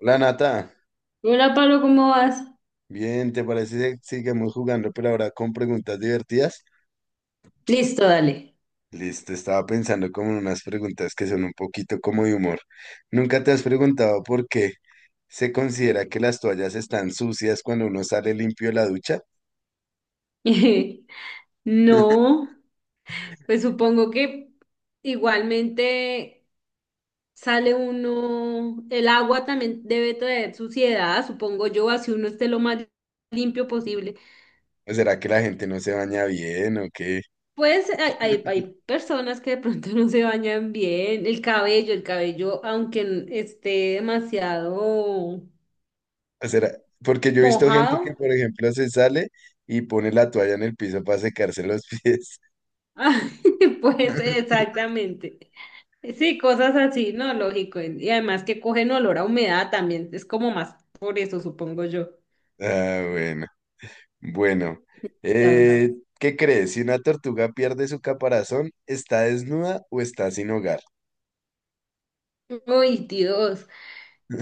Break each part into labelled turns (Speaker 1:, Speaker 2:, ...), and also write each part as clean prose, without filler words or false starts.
Speaker 1: Hola Nata,
Speaker 2: Hola, Pablo, ¿cómo vas?
Speaker 1: bien, ¿te parece si sigamos jugando, pero ahora con preguntas divertidas?
Speaker 2: Listo, dale.
Speaker 1: Listo, estaba pensando como en unas preguntas que son un poquito como de humor. ¿Nunca te has preguntado por qué se considera que las toallas están sucias cuando uno sale limpio de la ducha?
Speaker 2: No, pues supongo que igualmente sale uno, el agua también debe traer suciedad, supongo yo, así uno esté lo más limpio posible.
Speaker 1: ¿O será que la gente no se baña bien o qué?
Speaker 2: Pues hay personas que de pronto no se bañan bien, el cabello, aunque esté demasiado
Speaker 1: ¿O será? Porque yo he visto gente
Speaker 2: mojado,
Speaker 1: que, por ejemplo, se sale y pone la toalla en el piso para secarse los pies.
Speaker 2: pues exactamente. Sí, cosas así, ¿no? Lógico. Y además que cogen olor a humedad también. Es como más por eso, supongo yo.
Speaker 1: Ah, bueno. Bueno,
Speaker 2: Dios.
Speaker 1: eh, ¿qué crees? Si una tortuga pierde su caparazón, ¿está desnuda o está sin hogar?
Speaker 2: Uy, Dios.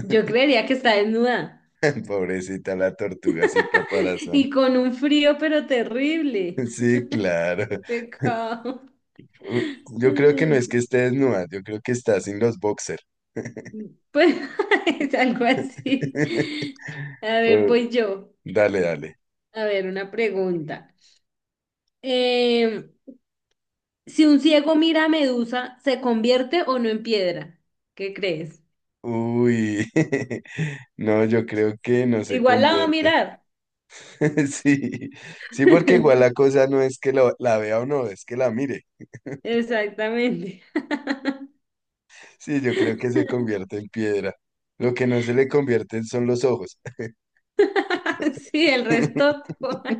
Speaker 2: Yo creería que está desnuda.
Speaker 1: Pobrecita la tortuga sin caparazón.
Speaker 2: Y con un frío, pero terrible.
Speaker 1: Sí, claro.
Speaker 2: Qué pecado.
Speaker 1: U- Yo creo que no es que
Speaker 2: Ay,
Speaker 1: esté desnuda, yo creo que está sin los boxers.
Speaker 2: pues es algo así. A ver, voy yo.
Speaker 1: Dale, dale.
Speaker 2: A ver, una pregunta. Eh, si un ciego mira a Medusa, ¿se convierte o no en piedra? ¿Qué crees?
Speaker 1: Uy, no, yo creo que no se
Speaker 2: Igual la va a
Speaker 1: convierte.
Speaker 2: mirar.
Speaker 1: Sí, sí, porque igual la cosa no es que la vea o no, es que la mire.
Speaker 2: Exactamente.
Speaker 1: Sí, yo creo que se convierte en piedra. Lo que no se le convierten son los ojos.
Speaker 2: Sí, el resto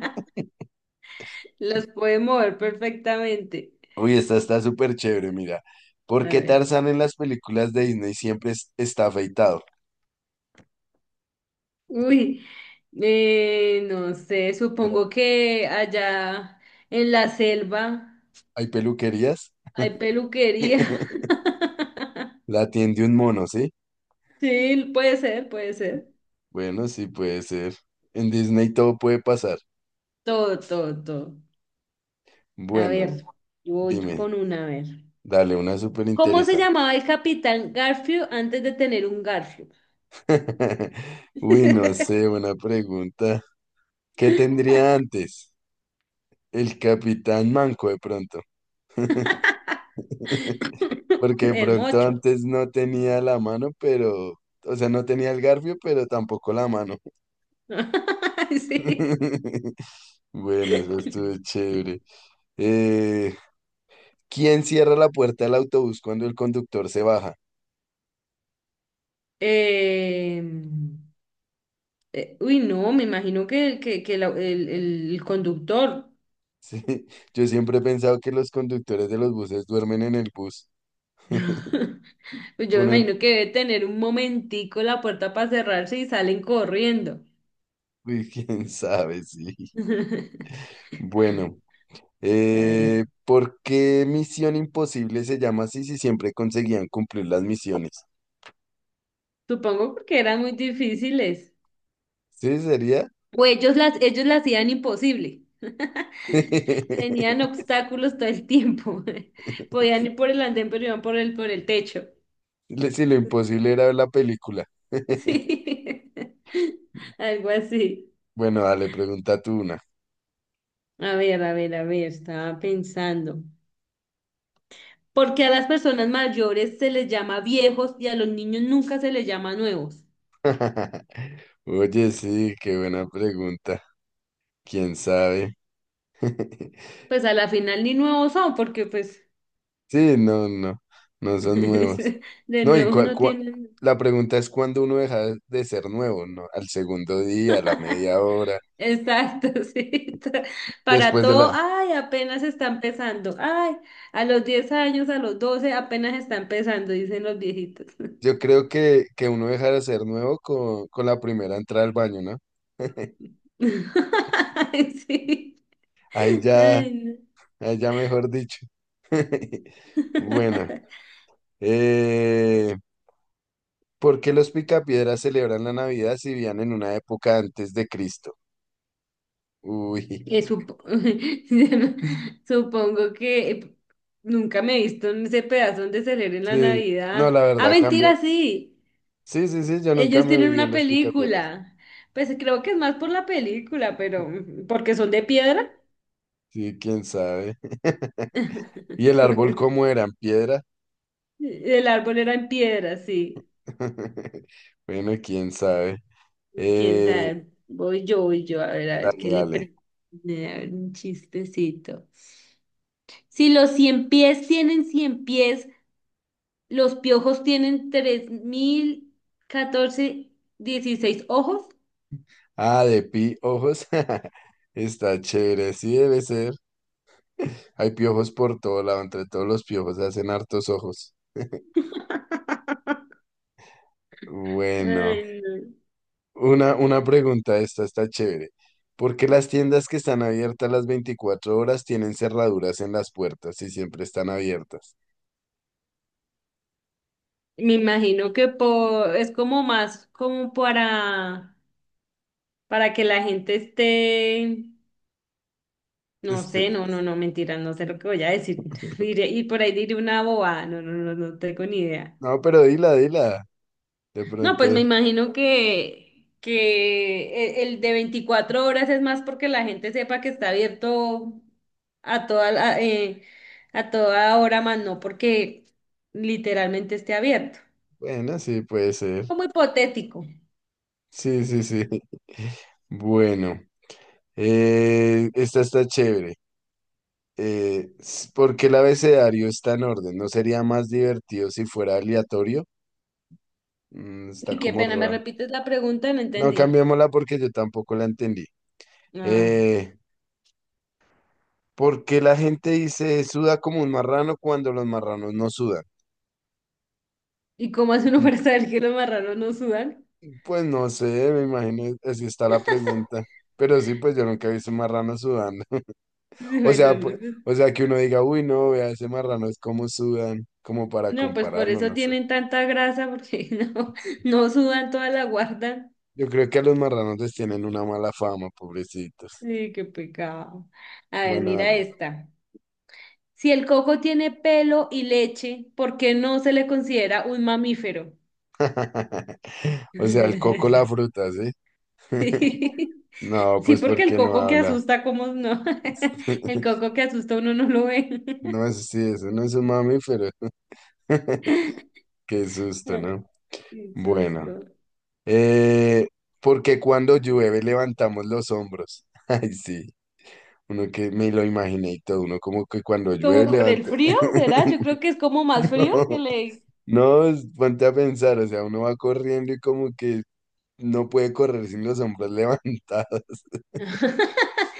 Speaker 2: los puede mover perfectamente.
Speaker 1: Uy, esta está súper chévere, mira.
Speaker 2: A
Speaker 1: ¿Por qué
Speaker 2: ver.
Speaker 1: Tarzán en las películas de Disney siempre está afeitado?
Speaker 2: Uy, no sé,
Speaker 1: Tra-
Speaker 2: supongo que allá en la selva
Speaker 1: ¿Hay peluquerías?
Speaker 2: hay peluquería.
Speaker 1: La tiende un mono, ¿sí?
Speaker 2: Sí, puede ser, puede ser.
Speaker 1: Bueno, sí puede ser. En Disney todo puede pasar.
Speaker 2: Todo, todo, todo. A
Speaker 1: Bueno,
Speaker 2: ver, yo voy
Speaker 1: dime,
Speaker 2: con una, a ver.
Speaker 1: dale una súper
Speaker 2: ¿Cómo se
Speaker 1: interesante.
Speaker 2: llamaba el capitán Garfield antes de tener un Garfield?
Speaker 1: Uy, no sé, buena pregunta. ¿Qué tendría antes? El Capitán Manco de pronto. Porque de
Speaker 2: El
Speaker 1: pronto
Speaker 2: mocho.
Speaker 1: antes no tenía la mano, pero, o sea, no tenía el garfio, pero tampoco la mano.
Speaker 2: Sí.
Speaker 1: Bueno, eso estuvo chévere. Eh, ¿Quién cierra la puerta del autobús cuando el conductor se baja?
Speaker 2: Eh, uy, no, me imagino que el conductor,
Speaker 1: Sí, yo siempre he pensado que los conductores de los buses duermen en el bus.
Speaker 2: pues yo me
Speaker 1: Ponen,
Speaker 2: imagino que debe tener un momentico la puerta para cerrarse y salen corriendo.
Speaker 1: uy, quién sabe, sí. Bueno,
Speaker 2: A ver.
Speaker 1: ¿por qué Misión Imposible se llama así si siempre conseguían cumplir las misiones?
Speaker 2: Supongo porque eran muy difíciles.
Speaker 1: Sí, sería.
Speaker 2: O ellos las hacían imposible. Tenían obstáculos todo el tiempo. Podían ir por el andén, pero iban por el techo.
Speaker 1: Sí, lo imposible era ver la película.
Speaker 2: Sí, algo así.
Speaker 1: Bueno, dale, pregunta tú una.
Speaker 2: A ver, a ver, a ver, estaba pensando. Porque a las personas mayores se les llama viejos y a los niños nunca se les llama nuevos.
Speaker 1: Oye, sí, qué buena pregunta. ¿Quién sabe?
Speaker 2: Pues a la final ni nuevos son, porque pues
Speaker 1: Sí, no, no, no son nuevos.
Speaker 2: de
Speaker 1: No, y
Speaker 2: nuevos no tienen.
Speaker 1: la pregunta es cuándo uno deja de ser nuevo, ¿no? Al segundo día, a la media hora,
Speaker 2: Exacto, sí. Para
Speaker 1: después de
Speaker 2: todo,
Speaker 1: la...
Speaker 2: ay, apenas está empezando. Ay, a los 10 años, a los 12, apenas está empezando, dicen los viejitos.
Speaker 1: Yo creo que uno deja de ser nuevo con la primera entrada al baño, ¿no?
Speaker 2: Ay, sí.
Speaker 1: Ahí ya,
Speaker 2: Ay, no.
Speaker 1: ahí ya mejor dicho. Bueno, eh, ¿por qué los picapiedras celebran la Navidad si vivían en una época antes de Cristo? Uy,
Speaker 2: Eh, supo- Supongo que nunca me he visto en ese pedazo donde celebren la
Speaker 1: sí, no,
Speaker 2: Navidad.
Speaker 1: la
Speaker 2: Ah,
Speaker 1: verdad cambia.
Speaker 2: mentira, sí.
Speaker 1: Sí, sí, sí, yo nunca
Speaker 2: Ellos
Speaker 1: me
Speaker 2: tienen
Speaker 1: viví en
Speaker 2: una
Speaker 1: los picapiedras.
Speaker 2: película. Pues creo que es más por la película, pero porque son de piedra.
Speaker 1: Sí, quién sabe. ¿Y el árbol cómo era? ¿En piedra?
Speaker 2: El árbol era en piedra, sí.
Speaker 1: Bueno, quién sabe.
Speaker 2: Quién
Speaker 1: Eh,
Speaker 2: sabe. Voy yo, a ver
Speaker 1: dale,
Speaker 2: qué le
Speaker 1: dale.
Speaker 2: pre... A ver, un chistecito. Si los 100 pies tienen 100 pies, los piojos tienen 3014, 16 ojos.
Speaker 1: Ah, de piojos. Está chévere, sí debe ser. Hay piojos por todo lado, entre todos los piojos hacen hartos ojos. Bueno.
Speaker 2: Ay, no.
Speaker 1: Una pregunta, esta está chévere. ¿Por qué las tiendas que están abiertas las 24 horas tienen cerraduras en las puertas y siempre están abiertas?
Speaker 2: Me imagino que por, es como más como para que la gente esté, no sé,
Speaker 1: Este,
Speaker 2: no, no, no, mentira, no sé lo que voy a decir. Y por ahí diré una boba, no, no, no, no tengo ni idea.
Speaker 1: no, pero dila, dila. De
Speaker 2: No,
Speaker 1: pronto,
Speaker 2: pues me imagino que el de 24 horas es más porque la gente sepa que está abierto a toda, la- eh, a toda hora, más no porque literalmente esté abierto.
Speaker 1: bueno, sí, puede ser.
Speaker 2: Como hipotético.
Speaker 1: Sí, sí, sí. Bueno, esta está chévere. ¿Por qué el abecedario está en orden? ¿No sería más divertido si fuera aleatorio? Mm, está
Speaker 2: Y qué
Speaker 1: como
Speaker 2: pena, ¿me
Speaker 1: raro.
Speaker 2: repites la pregunta? No
Speaker 1: No,
Speaker 2: entendí.
Speaker 1: cambiémosla porque yo tampoco la entendí.
Speaker 2: Ah,
Speaker 1: Eh, ¿Por qué la gente dice suda como un marrano cuando los marranos no sudan?
Speaker 2: ¿y cómo hace uno para saber que los marranos no sudan?
Speaker 1: Pues no sé, me imagino, así está la pregunta. Pero sí, pues yo nunca he visto un marrano sudando. O
Speaker 2: Bueno,
Speaker 1: sea,
Speaker 2: no,
Speaker 1: pues,
Speaker 2: no, pues
Speaker 1: o sea, que uno diga, uy, no, vea, ese marrano es como sudan, como para
Speaker 2: no, pues por
Speaker 1: compararlo,
Speaker 2: eso
Speaker 1: no sé.
Speaker 2: tienen tanta grasa, porque no, no sudan, toda la guardan.
Speaker 1: Yo creo que a los marranos les tienen una mala fama, pobrecitos.
Speaker 2: Sí, qué pecado. A ver,
Speaker 1: Bueno,
Speaker 2: mira
Speaker 1: dale.
Speaker 2: esta. Si el coco tiene pelo y leche, ¿por qué no se le considera un mamífero?
Speaker 1: O sea, el coco la fruta, ¿sí?
Speaker 2: Sí,
Speaker 1: No,
Speaker 2: sí,
Speaker 1: pues
Speaker 2: porque el
Speaker 1: porque no
Speaker 2: coco que
Speaker 1: habla.
Speaker 2: asusta, ¿cómo no? El coco que asusta uno no lo ve.
Speaker 1: No es, así eso no es un mamífero. Qué susto,
Speaker 2: Ay,
Speaker 1: ¿no?
Speaker 2: qué
Speaker 1: Bueno,
Speaker 2: susto.
Speaker 1: eh, porque cuando llueve levantamos los hombros. Ay, sí, uno que me lo imaginé y todo, uno como que cuando llueve
Speaker 2: ¿Como
Speaker 1: No.
Speaker 2: por el
Speaker 1: levanta.
Speaker 2: frío, será? Yo creo que es como más frío que
Speaker 1: No,
Speaker 2: le...
Speaker 1: no, ponte a pensar, o sea, uno va corriendo y como que no puede correr sin los hombros levantados.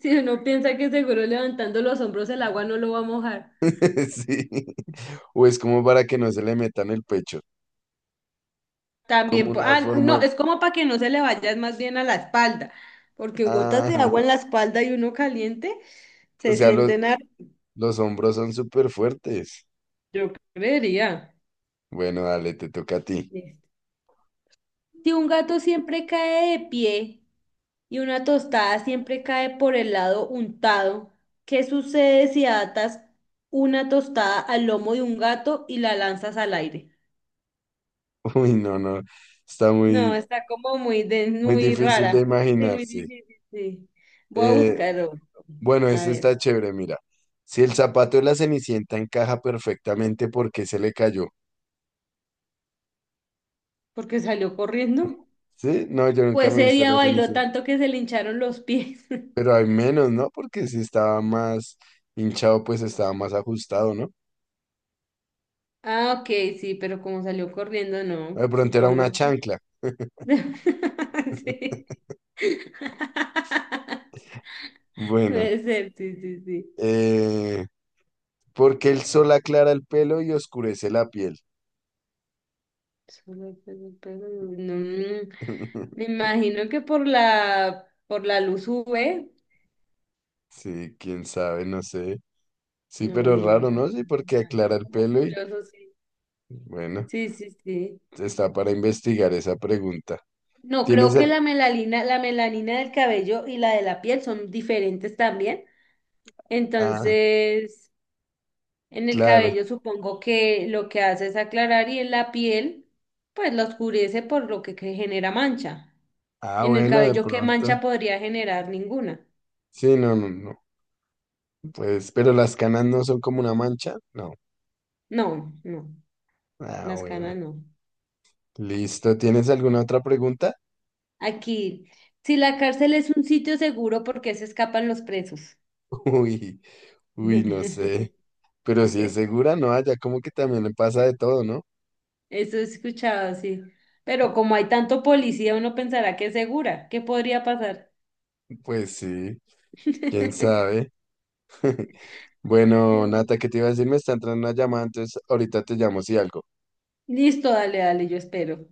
Speaker 2: Si uno piensa que seguro levantando los hombros el agua no lo va a mojar.
Speaker 1: Sí, o es como para que no se le metan el pecho, como
Speaker 2: También, po-
Speaker 1: una
Speaker 2: ah,
Speaker 1: forma.
Speaker 2: no, es como para que no se le vaya más bien a la espalda, porque gotas de
Speaker 1: Ah,
Speaker 2: agua en la espalda y uno caliente
Speaker 1: o
Speaker 2: se
Speaker 1: sea,
Speaker 2: sienten a...
Speaker 1: los hombros son súper fuertes.
Speaker 2: Yo creería.
Speaker 1: Bueno, dale, te toca a ti.
Speaker 2: Listo. Si un gato siempre cae de pie y una tostada siempre cae por el lado untado, ¿qué sucede si atas una tostada al lomo de un gato y la lanzas al aire?
Speaker 1: Uy, no, no, está
Speaker 2: No,
Speaker 1: muy,
Speaker 2: está como muy, de,
Speaker 1: muy
Speaker 2: muy
Speaker 1: difícil de
Speaker 2: rara. Sí, muy
Speaker 1: imaginarse.
Speaker 2: difícil, sí. Voy a
Speaker 1: Eh,
Speaker 2: buscar otro.
Speaker 1: bueno,
Speaker 2: A
Speaker 1: este está
Speaker 2: ver.
Speaker 1: chévere, mira. Si el zapato de la Cenicienta encaja perfectamente, ¿por qué se le cayó?
Speaker 2: Porque salió corriendo.
Speaker 1: ¿Sí? No, yo nunca
Speaker 2: Pues
Speaker 1: me he
Speaker 2: ese
Speaker 1: visto
Speaker 2: día
Speaker 1: la
Speaker 2: bailó
Speaker 1: Cenicienta.
Speaker 2: tanto que se le hincharon los pies.
Speaker 1: Pero hay menos, ¿no? Porque si estaba más hinchado, pues estaba más ajustado, ¿no?
Speaker 2: Ah, ok, sí, pero como salió corriendo, no,
Speaker 1: De pronto era una
Speaker 2: supongo que...
Speaker 1: chancla.
Speaker 2: Sí.
Speaker 1: Bueno,
Speaker 2: Puede ser, sí, sí, sí.
Speaker 1: eh, ¿por qué el sol aclara el pelo y oscurece la piel?
Speaker 2: Solo pelo, pelo, no, me imagino que por la luz UV.
Speaker 1: Sí, quién sabe, no sé. Sí,
Speaker 2: No,
Speaker 1: pero
Speaker 2: no, no, o
Speaker 1: raro,
Speaker 2: sea, no
Speaker 1: ¿no? Sí,
Speaker 2: tiene
Speaker 1: porque
Speaker 2: nada. Es
Speaker 1: aclara el
Speaker 2: como
Speaker 1: pelo y
Speaker 2: curioso, sí.
Speaker 1: bueno,
Speaker 2: Sí, sí, sí.
Speaker 1: está para investigar esa pregunta.
Speaker 2: No, creo
Speaker 1: ¿Tienes el...
Speaker 2: que la melanina del cabello y la de la piel son diferentes también.
Speaker 1: Ah,
Speaker 2: Entonces, en el
Speaker 1: claro.
Speaker 2: cabello supongo que lo que hace es aclarar y en la piel, pues la oscurece por lo que genera mancha.
Speaker 1: Ah,
Speaker 2: En el
Speaker 1: bueno, de
Speaker 2: cabello, ¿qué
Speaker 1: pronto.
Speaker 2: mancha podría generar? Ninguna.
Speaker 1: Sí, no, no, no. Pues, pero las canas no son como una mancha. No.
Speaker 2: No, no,
Speaker 1: Ah,
Speaker 2: las
Speaker 1: bueno.
Speaker 2: canas no.
Speaker 1: Listo. ¿Tienes alguna otra pregunta?
Speaker 2: Aquí, si la cárcel es un sitio seguro, ¿por qué se escapan los presos?
Speaker 1: Uy, uy, no sé. Pero si es segura, no, allá como que también le pasa de todo, ¿no?
Speaker 2: Eso he escuchado, sí. Pero como hay tanto policía, uno pensará que es segura. ¿Qué podría pasar?
Speaker 1: Pues sí, quién sabe. Bueno, Nata, ¿qué te iba a decir? Me está entrando una llamada, entonces ahorita te llamo si algo.
Speaker 2: Listo, dale, dale, yo espero.